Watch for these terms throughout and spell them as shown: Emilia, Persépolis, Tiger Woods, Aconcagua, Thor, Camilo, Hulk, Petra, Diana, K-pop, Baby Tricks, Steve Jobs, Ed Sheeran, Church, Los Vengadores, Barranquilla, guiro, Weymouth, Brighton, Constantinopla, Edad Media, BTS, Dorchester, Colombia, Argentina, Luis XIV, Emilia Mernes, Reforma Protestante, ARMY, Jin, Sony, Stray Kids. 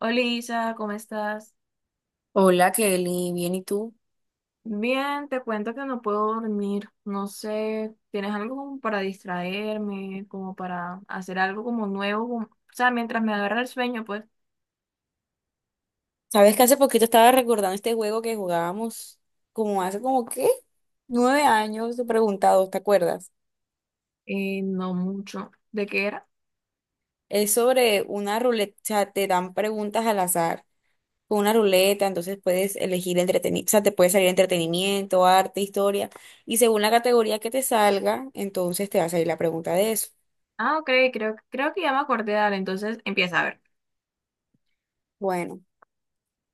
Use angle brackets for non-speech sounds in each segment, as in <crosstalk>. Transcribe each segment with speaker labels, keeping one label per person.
Speaker 1: Hola Isa, ¿cómo estás?
Speaker 2: Hola Kelly, bien, ¿y tú?
Speaker 1: Bien, te cuento que no puedo dormir. No sé, ¿tienes algo como para distraerme, como para hacer algo como nuevo? O sea, mientras me agarra el sueño, pues,
Speaker 2: Sabes que hace poquito estaba recordando este juego que jugábamos como hace como qué, nueve años, te preguntado, ¿te acuerdas?
Speaker 1: no mucho. ¿De qué era?
Speaker 2: Es sobre una ruleta, o sea, te dan preguntas al azar con una ruleta, entonces puedes elegir entretenimiento, o sea, te puede salir entretenimiento, arte, historia, y según la categoría que te salga, entonces te va a salir la pregunta de eso.
Speaker 1: Ah, ok, creo que ya me acordé, dale, entonces empieza a ver.
Speaker 2: Bueno,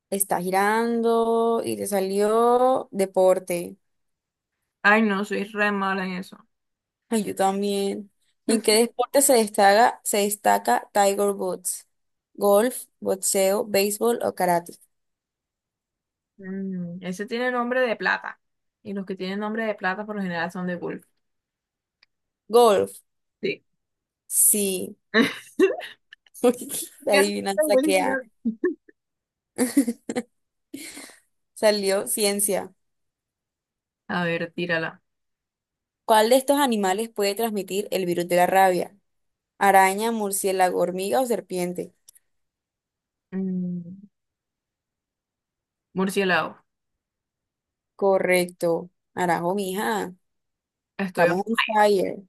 Speaker 2: está girando y te salió deporte.
Speaker 1: Ay, no, soy re mala en eso.
Speaker 2: Ay, yo también. ¿En qué deporte se destaca Tiger Woods? ¿Golf, boxeo, béisbol o karate?
Speaker 1: Ese tiene nombre de plata. Y los que tienen nombre de plata por lo general son de golf.
Speaker 2: Golf,
Speaker 1: Sí.
Speaker 2: sí.
Speaker 1: <laughs>
Speaker 2: <laughs> La
Speaker 1: Bien,
Speaker 2: adivinanza que
Speaker 1: buenísimo.
Speaker 2: ha. <laughs> Salió ciencia.
Speaker 1: A ver, tírala.
Speaker 2: ¿Cuál de estos animales puede transmitir el virus de la rabia? ¿Araña, murciélago, hormiga o serpiente?
Speaker 1: Mm, murciélago.
Speaker 2: Correcto. Arajo, mija.
Speaker 1: Estoy.
Speaker 2: Estamos on fire.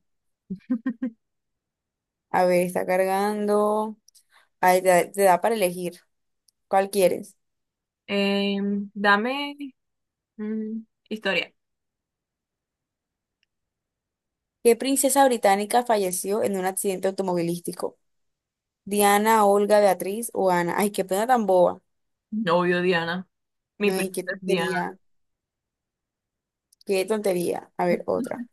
Speaker 2: A ver, está cargando. Ahí te da para elegir. ¿Cuál quieres?
Speaker 1: Dame mm, historia.
Speaker 2: ¿Qué princesa británica falleció en un accidente automovilístico? Diana, Olga, Beatriz o Ana. Ay, qué pena tan boba.
Speaker 1: Novio Diana. Mi
Speaker 2: Ay, qué
Speaker 1: princesa Diana.
Speaker 2: tontería. Qué tontería. A ver, otra.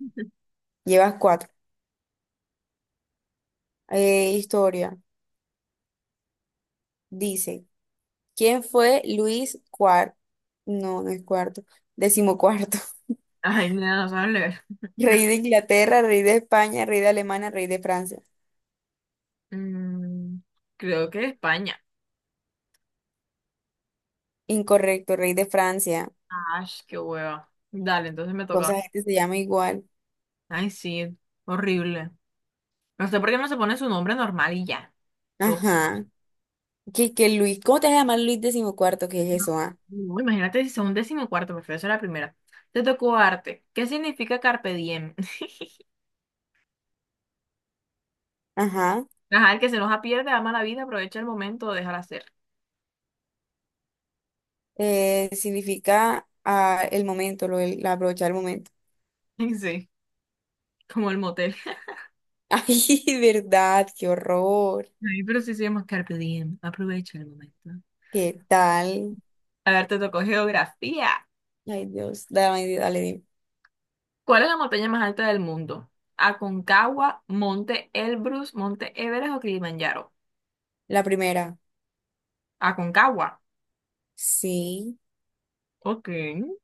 Speaker 2: Llevas cuatro. Historia. Dice, ¿quién fue Luis cuarto? No, no es cuarto. Decimocuarto.
Speaker 1: Ay, nena, no sabes leer. <laughs>
Speaker 2: <laughs>
Speaker 1: No.
Speaker 2: Rey de Inglaterra, rey de España, rey de Alemania, rey de Francia.
Speaker 1: Mm, creo que España.
Speaker 2: Incorrecto, rey de Francia.
Speaker 1: Ay, qué hueva. Dale, entonces me
Speaker 2: Toda
Speaker 1: toca.
Speaker 2: esa gente se llama igual.
Speaker 1: Ay, sí, horrible. No sé por qué no se pone su nombre normal y ya. Yo hueva.
Speaker 2: Ajá. ¿Qué, qué Luis? ¿Cómo te vas a llamar Luis decimocuarto? ¿Qué es eso, ah?
Speaker 1: No, imagínate si son un décimo cuarto, prefiero ser la primera. Te tocó arte. ¿Qué significa carpe diem? <laughs>
Speaker 2: Ajá.
Speaker 1: Ajá, el que se enoja pierde, ama la vida, aprovecha el momento, déjala ser.
Speaker 2: Significa el momento, lo, del- la brocha del momento.
Speaker 1: <laughs> Sí. Como el motel.
Speaker 2: <laughs> Ay, verdad, qué horror.
Speaker 1: <laughs> Ay, pero sí se llama Carpe Diem. Aprovecha el momento.
Speaker 2: ¿Qué tal?
Speaker 1: A ver, te tocó geografía.
Speaker 2: Ay, Dios, dale, dale, dime.
Speaker 1: ¿Cuál es la montaña más alta del mundo? ¿Aconcagua, Monte Elbrus, Monte Everest o Kilimanjaro?
Speaker 2: La primera.
Speaker 1: Aconcagua.
Speaker 2: Sí,
Speaker 1: Ok. <laughs>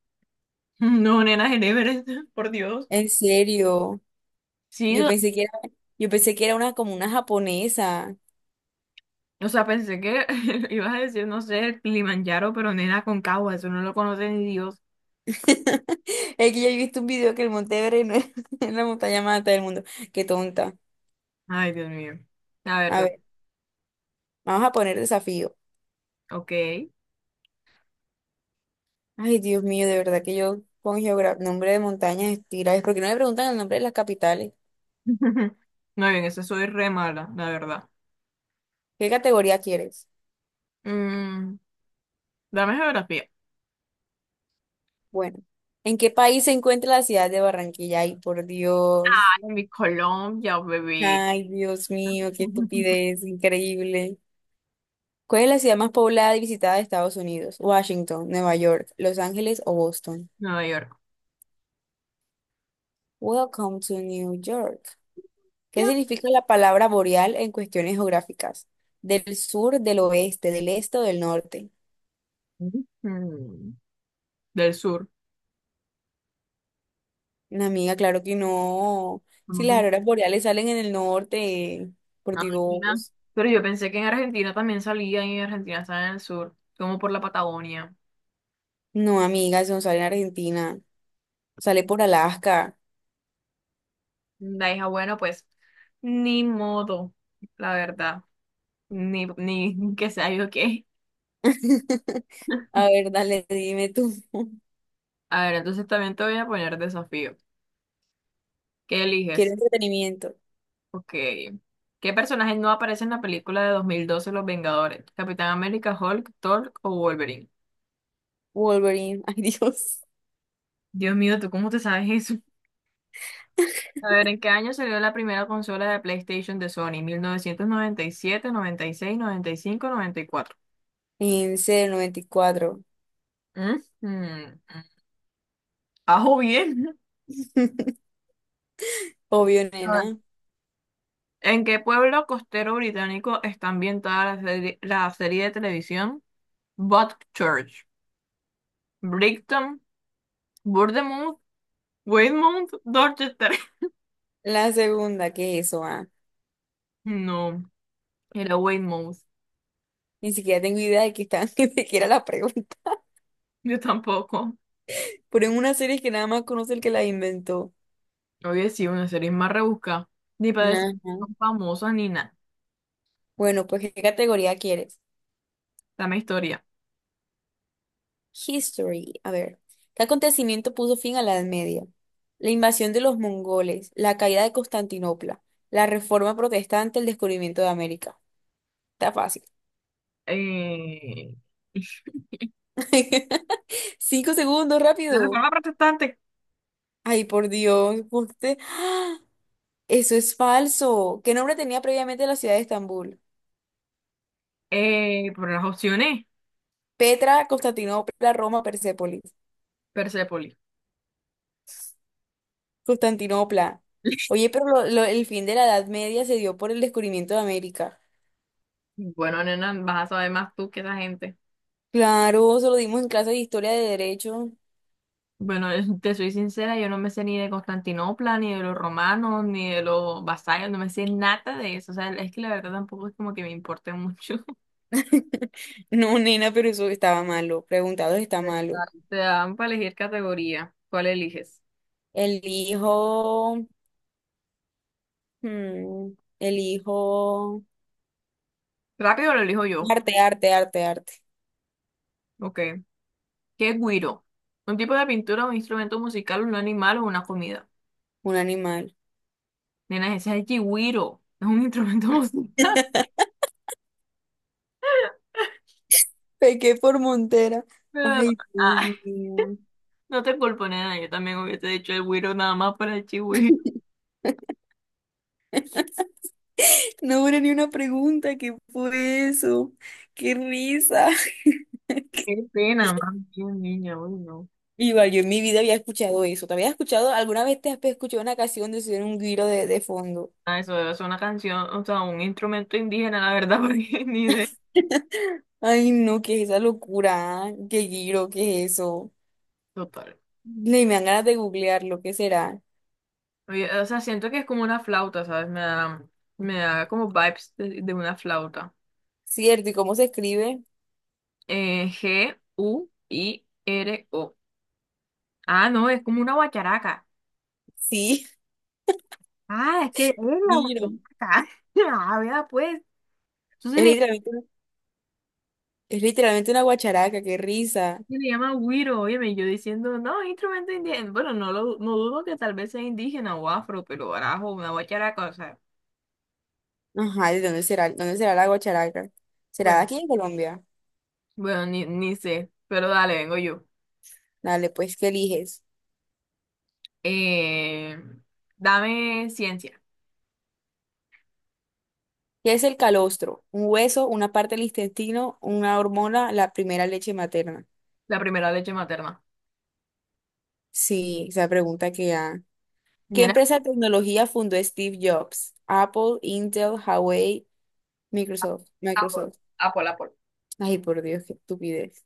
Speaker 1: No, nena, en Everest, <laughs> por Dios.
Speaker 2: en serio.
Speaker 1: Sí,
Speaker 2: Yo pensé que era, yo pensé que era una como una japonesa.
Speaker 1: o sea, pensé que <laughs> ibas a decir, no sé, el Kilimanjaro, pero nena, Aconcagua, eso no lo conoce ni Dios.
Speaker 2: <laughs> Es que yo he visto un video que el Monte Everest no es, <laughs> es la montaña más alta del mundo. Qué tonta.
Speaker 1: Ay, Dios mío. La
Speaker 2: A
Speaker 1: verdad,
Speaker 2: ver, vamos a poner desafío.
Speaker 1: ok. <laughs>
Speaker 2: Ay, Dios mío, de verdad que yo con geografía, nombre de montañas, estira, es porque no me preguntan el nombre de las capitales.
Speaker 1: Muy bien, eso soy re mala, la verdad.
Speaker 2: ¿Qué categoría quieres?
Speaker 1: Mm. Dame geografía.
Speaker 2: Bueno, ¿en qué país se encuentra la ciudad de Barranquilla? Ay, por Dios.
Speaker 1: Ay, mi Colombia, bebé.
Speaker 2: Ay, Dios mío, qué
Speaker 1: <laughs>
Speaker 2: estupidez, increíble. ¿Cuál es la ciudad más poblada y visitada de Estados Unidos? Washington, Nueva York, Los Ángeles o Boston.
Speaker 1: Nueva York.
Speaker 2: Welcome to New York. ¿Qué
Speaker 1: Ya.
Speaker 2: significa la palabra boreal en cuestiones geográficas? Del sur, del oeste, del este o del norte.
Speaker 1: Ujú. Del sur.
Speaker 2: Una amiga, claro que no. Si
Speaker 1: ¿Cómo
Speaker 2: las
Speaker 1: que?
Speaker 2: auroras boreales salen en el norte, por
Speaker 1: Ay, mira.
Speaker 2: Dios.
Speaker 1: Pero yo pensé que en Argentina también salía y en Argentina está en el sur, como por la Patagonia.
Speaker 2: No, amiga, eso no sale en Argentina, sale por Alaska.
Speaker 1: La hija, bueno, pues ni modo, la verdad. Ni <laughs> que sea yo qué.
Speaker 2: <laughs> A ver, dale, dime tú. <laughs>
Speaker 1: A ver, entonces también te voy a poner desafío. ¿Qué
Speaker 2: Quiero
Speaker 1: eliges?
Speaker 2: entretenimiento.
Speaker 1: Ok. ¿Qué personaje no aparece en la película de 2012 Los Vengadores? ¿Capitán América, Hulk, Thor o Wolverine?
Speaker 2: Wolverine, <laughs> ay Dios.
Speaker 1: Dios mío, ¿tú cómo te sabes eso? A ver, ¿en qué año salió la primera consola de PlayStation de Sony? ¿1997, 96, 95, 94?
Speaker 2: En serio, noventa y cuatro.
Speaker 1: Ujú. Ajo bien.
Speaker 2: <laughs> Obvio,
Speaker 1: A ver,
Speaker 2: nena.
Speaker 1: ¿en qué pueblo costero británico está ambientada la serie de televisión Church? ¿Brighton, Bournemouth, Weymouth, Dorchester? <laughs>
Speaker 2: La segunda, ¿qué es eso? ¿Ah?
Speaker 1: No, era Weymouth.
Speaker 2: Ni siquiera tengo idea de que está, <laughs> ni siquiera la pregunta.
Speaker 1: Yo tampoco.
Speaker 2: Pero en una serie que nada más conoce el que la inventó.
Speaker 1: Oye, sí, una serie más rebuscada. Ni para decir que
Speaker 2: Ajá.
Speaker 1: son famosas ni nada.
Speaker 2: Bueno, pues, ¿qué categoría quieres?
Speaker 1: Dame historia.
Speaker 2: History. A ver, ¿qué acontecimiento puso fin a la Edad Media? La invasión de los mongoles, la caída de Constantinopla, la reforma protestante, el descubrimiento de América. Está fácil.
Speaker 1: eh, <laughs>
Speaker 2: <laughs> Cinco segundos,
Speaker 1: la
Speaker 2: rápido.
Speaker 1: reforma protestante.
Speaker 2: Ay, por Dios, usted- eso es falso. ¿Qué nombre tenía previamente la ciudad de Estambul?
Speaker 1: Por las opciones
Speaker 2: Petra, Constantinopla, Roma, Persépolis.
Speaker 1: Persépolis.
Speaker 2: Constantinopla. Oye, pero lo- el fin de la Edad Media se dio por el descubrimiento de América.
Speaker 1: Bueno, nena, vas a saber más tú que esa gente.
Speaker 2: Claro, se lo dimos en clase de historia de derecho.
Speaker 1: Bueno, <laughs> te soy sincera, yo no me sé ni de Constantinopla, ni de los romanos, ni de los vasallos, no me sé nada de eso. O sea, es que la verdad tampoco es como que me importe mucho. <laughs>
Speaker 2: <laughs> No, nena, pero eso estaba malo. Preguntados está malo.
Speaker 1: Te dan para elegir categoría. ¿Cuál eliges?
Speaker 2: El hijo, hmm, el hijo,
Speaker 1: Rápido lo elijo yo.
Speaker 2: arte, arte, arte, arte.
Speaker 1: Ok. ¿Qué es guiro? Un tipo de pintura, un instrumento musical, un animal o una comida.
Speaker 2: Un animal.
Speaker 1: Nena, ese es el chigüiro, es un instrumento <laughs> musical.
Speaker 2: <laughs> Pequé por Montera.
Speaker 1: Pero,
Speaker 2: Ay,
Speaker 1: ah,
Speaker 2: Dios
Speaker 1: <laughs>
Speaker 2: mío. <laughs>
Speaker 1: no te culpo, nena, yo también hubiese dicho el güiro nada más para el chigüiro.
Speaker 2: No hubo ni una pregunta. ¿Qué fue eso? ¡Qué risa!
Speaker 1: Qué
Speaker 2: <laughs>
Speaker 1: pena, más bien, niña, uy, no.
Speaker 2: Igual, yo en mi vida había escuchado eso. ¿Te habías escuchado? ¿Alguna vez te has escuchado una canción de subir un giro de fondo?
Speaker 1: Ah, eso debe ser una canción, o sea, un instrumento indígena, la verdad, <laughs> porque ni idea.
Speaker 2: Ay, no, ¿qué es esa locura? ¿Qué giro? ¿Qué es eso?
Speaker 1: Total.
Speaker 2: Ni me dan ganas de googlear lo que será.
Speaker 1: Oye, o sea, siento que es como una flauta, ¿sabes? Me da como vibes de una flauta.
Speaker 2: ¿Cierto? ¿Y cómo se escribe?
Speaker 1: Guiro. Ah, no, es como una guacharaca.
Speaker 2: Sí,
Speaker 1: Ah, es que es
Speaker 2: <laughs>
Speaker 1: la
Speaker 2: mira.
Speaker 1: guacharaca. <laughs> Ah, vea, pues. Entonces
Speaker 2: Es literalmente, es literalmente una guacharaca, qué risa.
Speaker 1: se le llama güiro, óyeme, yo diciendo, no, instrumento indígena. Bueno, no, no dudo que tal vez sea indígena o afro, pero arajo, una guacharaca, o sea,
Speaker 2: Ajá, ¿de dónde será? ¿Dónde será la guacharaca? ¿Será de
Speaker 1: bueno,
Speaker 2: aquí en Colombia?
Speaker 1: bueno, ni sé, pero dale, vengo yo.
Speaker 2: Dale, pues, ¿qué eliges?
Speaker 1: Eh, dame ciencia,
Speaker 2: ¿Qué es el calostro? ¿Un hueso, una parte del intestino, una hormona, la primera leche materna?
Speaker 1: la primera leche materna.
Speaker 2: Sí, esa pregunta que ya. ¿Qué
Speaker 1: Viene
Speaker 2: empresa de tecnología fundó Steve Jobs? Apple, Intel, Huawei, Microsoft.
Speaker 1: Apple,
Speaker 2: Microsoft.
Speaker 1: Apple, Apple.
Speaker 2: Ay, por Dios, qué estupidez.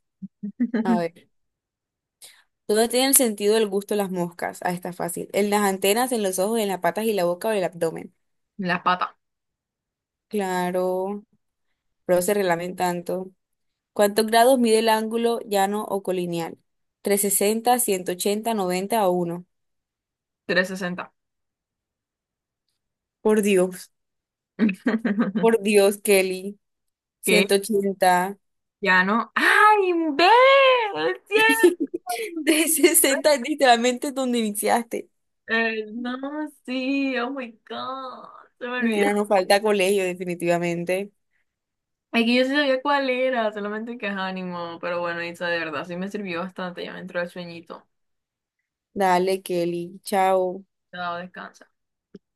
Speaker 2: A
Speaker 1: <laughs>
Speaker 2: ver, ¿dónde tiene el sentido del gusto las moscas? Ah, está fácil. En las antenas, en los ojos, en las patas y la boca o el abdomen.
Speaker 1: Las patas,
Speaker 2: Claro, pero se relamen tanto. ¿Cuántos grados mide el ángulo llano o colineal? ¿Trescientos sesenta, ciento ochenta, noventa o uno?
Speaker 1: 360.
Speaker 2: Por Dios,
Speaker 1: <laughs>
Speaker 2: por Dios, Kelly.
Speaker 1: Que ya no. ¡Ay, ve! ¡Es
Speaker 2: <laughs>
Speaker 1: cierto!
Speaker 2: 180. Sesenta es literalmente donde iniciaste.
Speaker 1: No, sí, oh my God, se me olvidó.
Speaker 2: Mira, nos falta colegio, definitivamente.
Speaker 1: Ay, que yo sí sabía cuál era, solamente que es ánimo, pero bueno, Isa, de verdad, sí me sirvió bastante, ya me entró el sueñito.
Speaker 2: Dale, Kelly. Chao.
Speaker 1: Te descansa